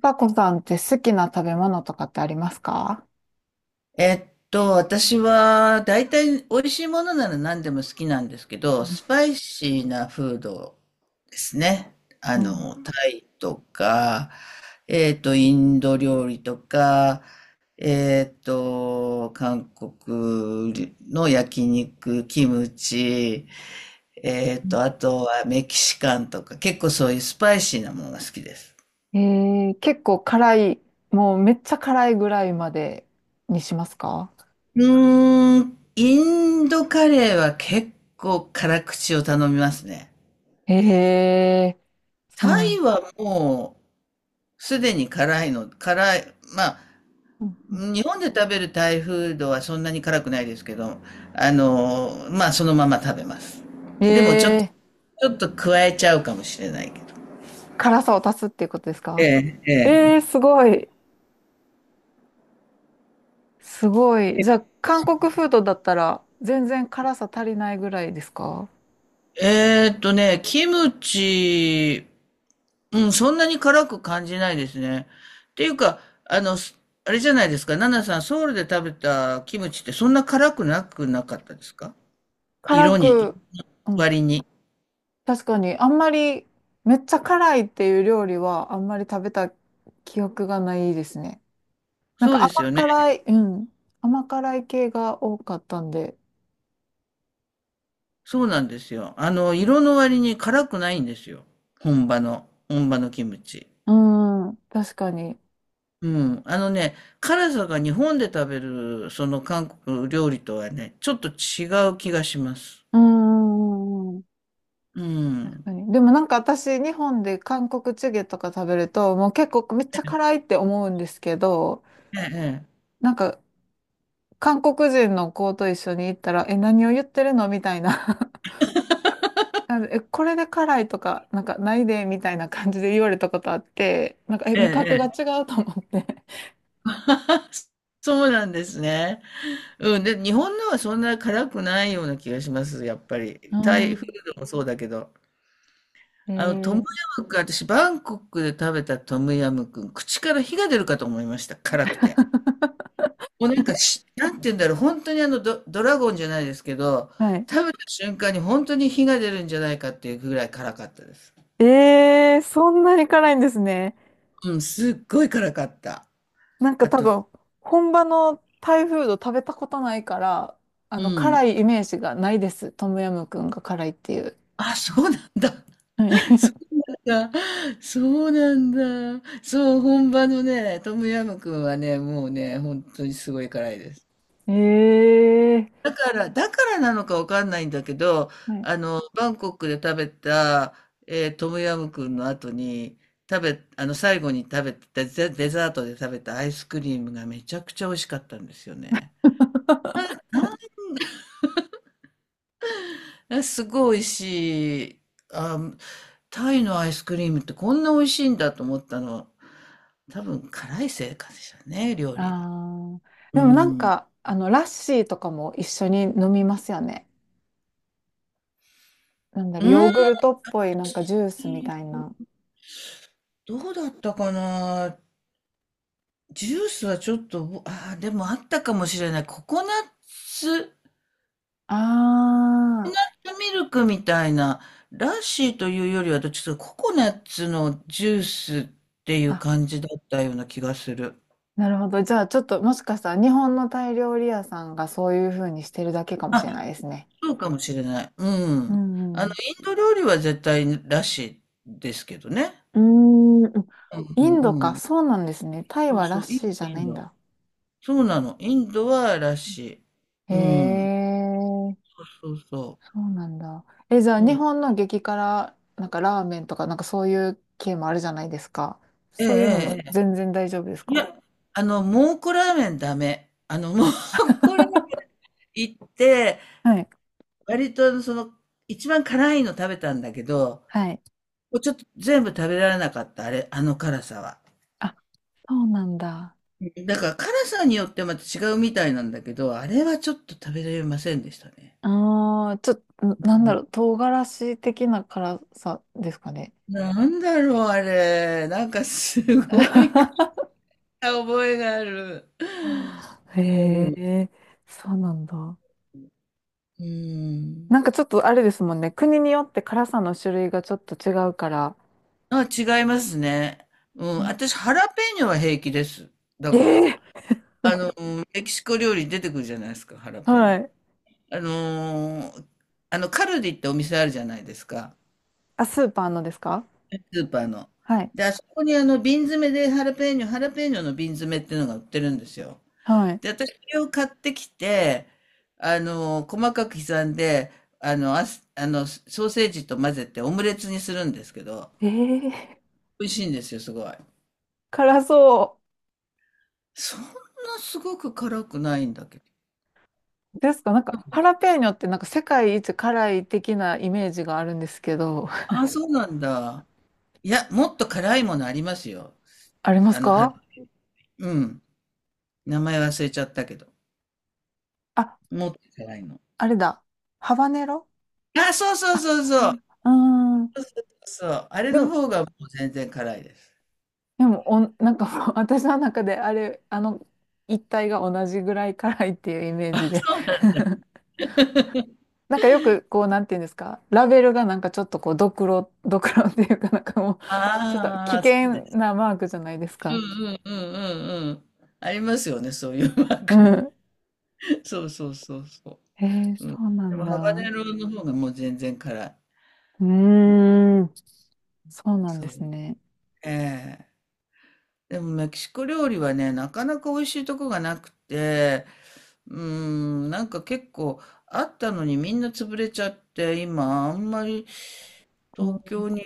パコさんって好きな食べ物とかってありますか？私は大体美味しいものなら何でも好きなんですけど、スパイシーなフードですね。タイとか、インド料理とか、韓国の焼肉、キムチ、うん。あとはメキシカンとか、結構そういうスパイシーなものが好きです。結構辛い、もうめっちゃ辛いぐらいまでにしますか？うーん、インドカレーは結構辛口を頼みますね。えー、そうタなイん。はもうすでに辛いの、辛い、まあ、うんう日本で食べるタイフードはそんなに辛くないですけど、まあそのまま食べます。ん。でもちょっと、ちょっと加えちゃうかもしれないけど。辛さを足すっていうことですえか？え、ええ。すごい。すごい。じゃあ、韓国フードだったら全然辛さ足りないぐらいですか？キムチ、うん、そんなに辛く感じないですね。っていうか、あの、すあれじゃないですか、ナナさん、ソウルで食べたキムチってそんな辛くなくなかったですか？辛色に、く、うん、割に。確かにあんまりめっちゃ辛いっていう料理はあんまり食べた記憶がないですね。なんそうかです甘よね。辛い、うん。甘辛い系が多かったんで。そうなんですよ。色の割に辛くないんですよ。本場のキムチ。うん、確かに。うん。辛さが日本で食べる、その韓国料理とはね、ちょっと違う気がします。うん、うんうん、う確ん。かに。でもなんか私、日本で韓国チゲとか食べると、もう結構めっちゃ辛いって思うんですけど、ええ、なんか韓国人の子と一緒に行ったら、え、何を言ってるのみたいな なんでえ、これで辛いとか、なんかないで、みたいな感じで言われたことあって、なんか、え、ええ、味覚がええ。違うと思って。そうなんですね。うん、で、日本のはそんな辛くないような気がします、やっぱうり。タイフん。ードもそうだけど。えトムー、ヤムクン、私、バンコクで食べたトムヤムクン、口から火が出るかと思いました、辛くて。もうなんかし、なんて言うんだろう、本当にドラゴンじゃないですけど、はい。食べた瞬間に本当に火が出るんじゃないかっていうぐらい辛かったです。ええー、そんなに辛いんですね。うん、すっごい辛かった。なんかあ多と、分、本場のタイフード食べたことないから、うん、辛いイメージがないです。トムヤムクンが辛いっていう。あ、そうなんだ。はそい。うなんだ。そうなんだ。そう、本場のね、トムヤムクンはね、もうね、本当にすごい辛いです。ええだからなのかわかんないんだけど、ー、はい。バンコクで食べた、トムヤムクンの後に、食べ、あの、最後に食べた、デザートで食べたアイスクリームがめちゃくちゃ美味しかったんですよね。あ、すごい美味しい。あ、タイのアイスクリームってこんな美味しいんだと思ったのは、多分辛いせいかでしょうね、料理が。あーうでもなんん。か、ラッシーとかも一緒に飲みますよね。なんだうろう、ヨーん、グルトっぽいなんかジュースみたいな。どうだったかな。ジュースはちょっと、ああ、でもあったかもしれない。ツコあコナッツミルクみたいな、ラッシーというよりはどっちかというとココナッツのジュースっていあ。うあ、感じだったような気がする。なるほど。じゃあちょっともしかしたら日本のタイ料理屋さんがそういう風にしてるだけかもしあ、れないですね。そうかもしれない。ううん。あんの、うん。インド料理は絶対ラッシーですけどね。うーん、うんうインドんか。うん。そうなんですね。タイそうはラそッう、イシンーじド、ゃなインいんド。だ。そうなの。インドはらしい。へうん。え、そうそうそそうなんだ。え、じゃあう。そ日う。本の激辛、なんかラーメンとか、なんかそういう系もあるじゃないですか。ええ、えそういうのもえ、ええ。全然大丈夫ですいか？ や、蒙古ラーメンダメ。蒙古ラーメン 行って、はい。割とその、一番辛いの食べたんだけど、はい。もうちょっと全部食べられなかった、あれ、あの辛さは。あ、そうなんだ。だから辛さによってまた違うみたいなんだけど、あれはちょっと食べられませんでしたね。ああ、ちょっと、なんだろう、唐辛子的な辛さですかね。なんだろう、あれ。なんかすごい覚えがある。へうん。え、そうなんだ。うん。なんかちょっとあれですもんね。国によって辛さの種類がちょっと違うから。あ、違いますね。うん。うん、私、ハラペーニョは平気です。だから。ええ、あの、メキシコ料理出てくるじゃないですか、ハラペーはニョ。い。あのーカルディってお店あるじゃないですか。あ、スーパーのですか？スーパーの。はい。で、あそこに瓶詰めでハラペーニョ、ハラペーニョの瓶詰めっていうのが売ってるんですよ。はい。で、私それを買ってきて、細かく刻んで、あの、あす、あの、ソーセージと混ぜてオムレツにするんですけど、ええ、美味しいんですよ、すごい。辛そそんなすごく辛くないんだけど。うですか？なんか、ハラペーニョってなんか世界一辛い的なイメージがあるんですけど、あ、そうなんだ。いや、もっと辛いものありますよ。ありますハロか？ウィン。うん。名前忘れちゃったけど。あ、もっと辛いの。あれだ。ハバネロ。あ、そうそあ、うそうハバそネう。ロ。うーそうん。そうそう、あれでのも、方がもう全然辛いです。でも、なんかもう 私の中であれ、あの一体が同じぐらい辛いっていうイメージで。なんかよくこう、なんていうんですか、ラベルがなんかちょっとこう、ドクロ、ドクロっていうかなんかもう、ちょっと危ああ、そうで険すね。なマークじゃないですうんか。うんうんうんうん。ありますよね、そういうマーうクね。ん。そうそうそうそう。へえ、そうなでんも、だ。ハバネうロの方がもう全然辛い。ーん。そうなんでそすう。ね。ええ。でも、メキシコ料理はね、なかなか美味しいとこがなくて、うーん、なんか結構あったのにみんな潰れちゃって、今、あんまりう東ん。京に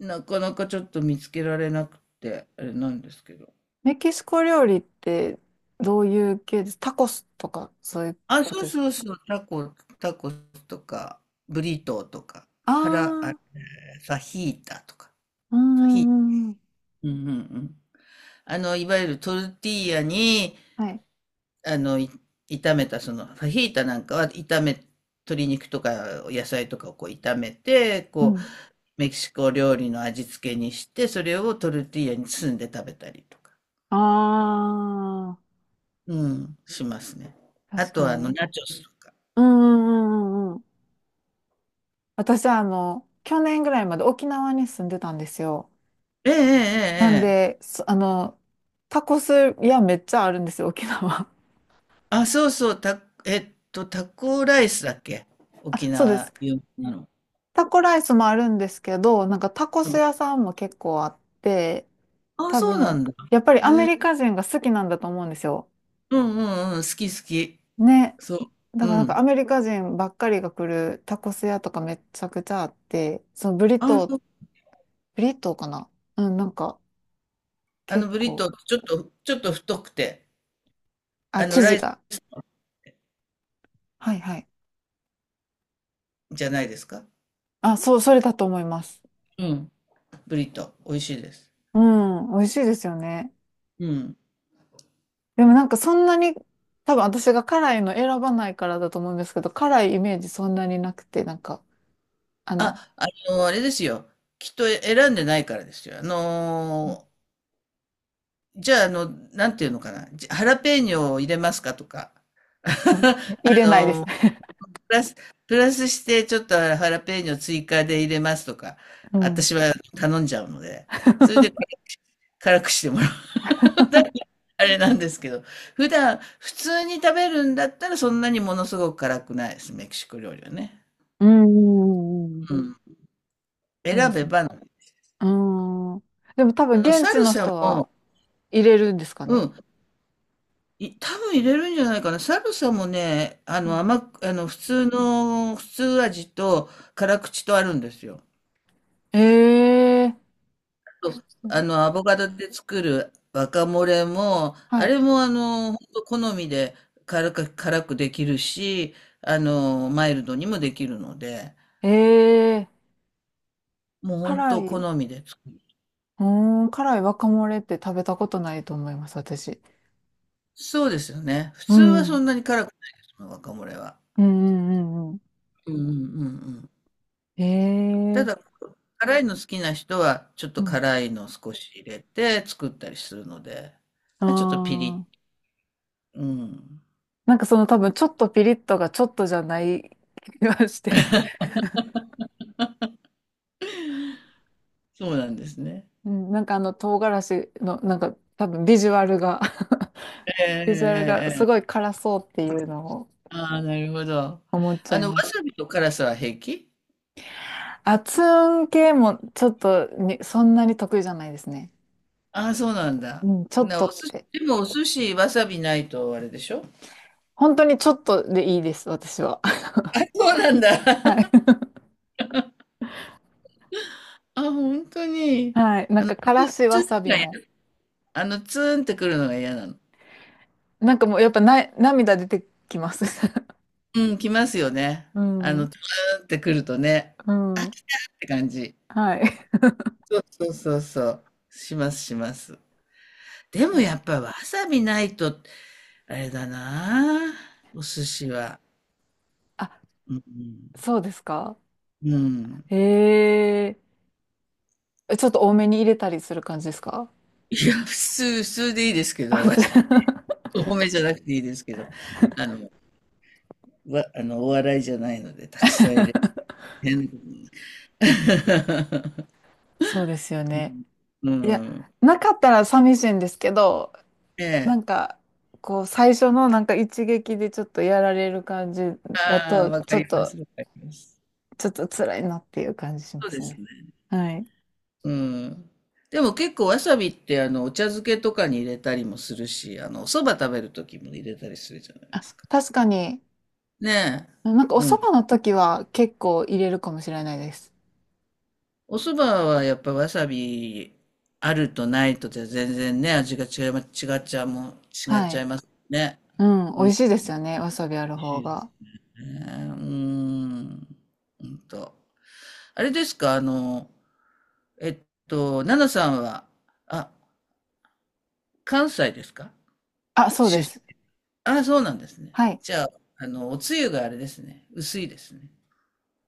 なかなかちょっと見つけられなくて、あれなんですけど。メキシコ料理ってどういう系です？タコスとかそういうあ、こそとうですか？そうそう、タコスとか、ブリトーとか、あ腹、あー、ファヒータとか。ううファヒーんうん。タ、うんうんうん。いわゆるトルティーヤに、はい。あの、い炒めた、ファヒータなんかは鶏肉とか野菜とかをこう炒めて、うこう、ん。メキシコ料理の味付けにして、それをトルティーヤに包んで食べたりとか、あうん、しますね。あ、あ確とかは、に。ナチョスとか。うんうんうんうんうん。私は去年ぐらいまで沖縄に住んでたんですよ。ええええなんええ。で、そあの、タコス屋めっちゃあるんですよ、沖縄。あ、そうそう、た、えっと、タコライスだっけ？ あ、沖そうです。縄有名なの。タコライスもあるんですけど、なんかタコうスん、屋さんも結構あって、あ、多そうな分、んだ。やっぱりアメリカ人が好きなんだと思うんですよ。うんうんうん、好き好き。ね。そだう。かうらなんかアん。メリカ人ばっかりが来るタコス屋とかめちゃくちゃあって、そのブリあ、トそう。ー、ブリトーかな？うん、なんか結ブリ構、トー、ちょっと太くて、あ、生ラ地イスが。はいはい。じゃないですか。あ、そう、それだと思います。うん。ブリトー、美味しいです。うん、美味しいですよね。うん。でもなんかそんなに、多分私が辛いの選ばないからだと思うんですけど、辛いイメージそんなになくて、なんか、あの、あ、あれですよ。きっと選んでないからですよ。じゃあ、なんていうのかな。ハラペーニョを入れますかとか。うん、入れあないです。のー プラス、プラスして、ちょっとハラペーニョ追加で入れますとか。うん。私は頼んじゃうので。それで辛くしても だからあれなんですけど、普段普通に食べるんだったらそんなにものすごく辛くないです、メキシコ料理はね。うん、うんうん、うん。そうで選すべね。ば、うん。でも多分現サ地ルのサ人はも、入れるんですかうね。ん、多分入れるんじゃないかな。サルサもね、あうの、ん、甘く、あの、普通味と辛口とあるんですよ。ええ、普と、通、アボカドで作るワカモレも、はあい。れもほんと好みで辛くできるし、マイルドにもできるので、ええ、もう本辛当い。好みで作る。うーん、辛い若漏れって食べたことないと思います、私。そうですよね。普う通はそん。んなに辛くないですもん、g は。うんうんうんうん。うんうんうんうん。へたえ。だ、辛いの好きな人は、ちょっうとん。辛いのを少し入れて作ったりするので、あまあ、ちょっとピリあ。ッ、うん。なんかその多分ちょっとピリッとがちょっとじゃない気がして。そうなんですね。うん、なんかあの唐辛子のなんか多分ビジュアルが えええ ビジュアルがえすえごえ。い辛そうっていうのをああ、なるほど。思っちゃいわます。さびと辛さは平気？熱運系もちょっとにそんなに得意じゃないですね。ああ、そうなんだ。うん、ちょっおとっ寿司、て。でもお寿司、わさびないとあれでしょ？本当にちょっとでいいです、私は。あ、そうなんだ。はい。あ、本当に。はい。なんあの、か、か普らしわ通さびのがも。ツーンってくるのが嫌なの。なんかもう、やっぱな、涙出てきます。うん、来ますよね。うん。ツーンってくるとね、うあ、ん。来たって感じ。はい。そうそうそうそう。しますします。でもや っぱわさびないと、あれだなあお寿司は。あ、うん。そうですか。うん。ええ、ちょっと多めに入れたりする感じですか？いや、普通でいいですけあ、ど、普通。 多めじゃなくていいですけど、あの、わ、あの、お笑いじゃないので、たくさん入れて。変なことに そうですよ うね。ん。ういや、ん。なかったら寂しいんですけど、えなえ。んか、こう、最初のなんか一撃でちょっとやられる感じだああ、と、わちかょっりまと、す、わかります。ちょっと辛いなっていう感じしまそうですすね。ね。はい。うん。でも結構わさびってお茶漬けとかに入れたりもするし、お蕎麦食べる時も入れたりするじゃないですあ、か。確かに、ねなんかえ。おう蕎ん。麦の時は結構入れるかもしれないです。お蕎麦はやっぱわさびあるとないとじゃ全然ね、味が違いま、違っちゃうもん、違っはちゃい。いますね。うん、美味しいですよね、わさびある美味方しいですが。ね。うん。うんと。あれですか、えっ奈々さんは、あ、関西ですか？あ、そうです。あ、そうなんですね。はい。じゃあ、おつゆがあれですね。薄いですね。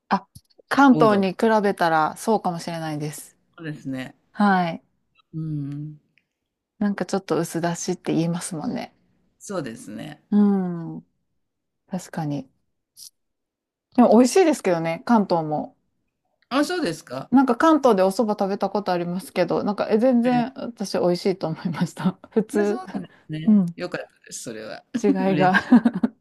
あ、関おう東どん。に比べたらそうかもしれないです。そうですね。はい。うん。なんかちょっと薄出しって言いますもんね。そうですね。うん。確かに。でも美味しいですけどね、関東も。あ、そうですか。なんか関東でお蕎麦食べたことありますけど、なんか全はい。然私美味しいと思いました。普あ、そ通。うなんですうね。ん。良かったです、それは。違い 嬉が。しい。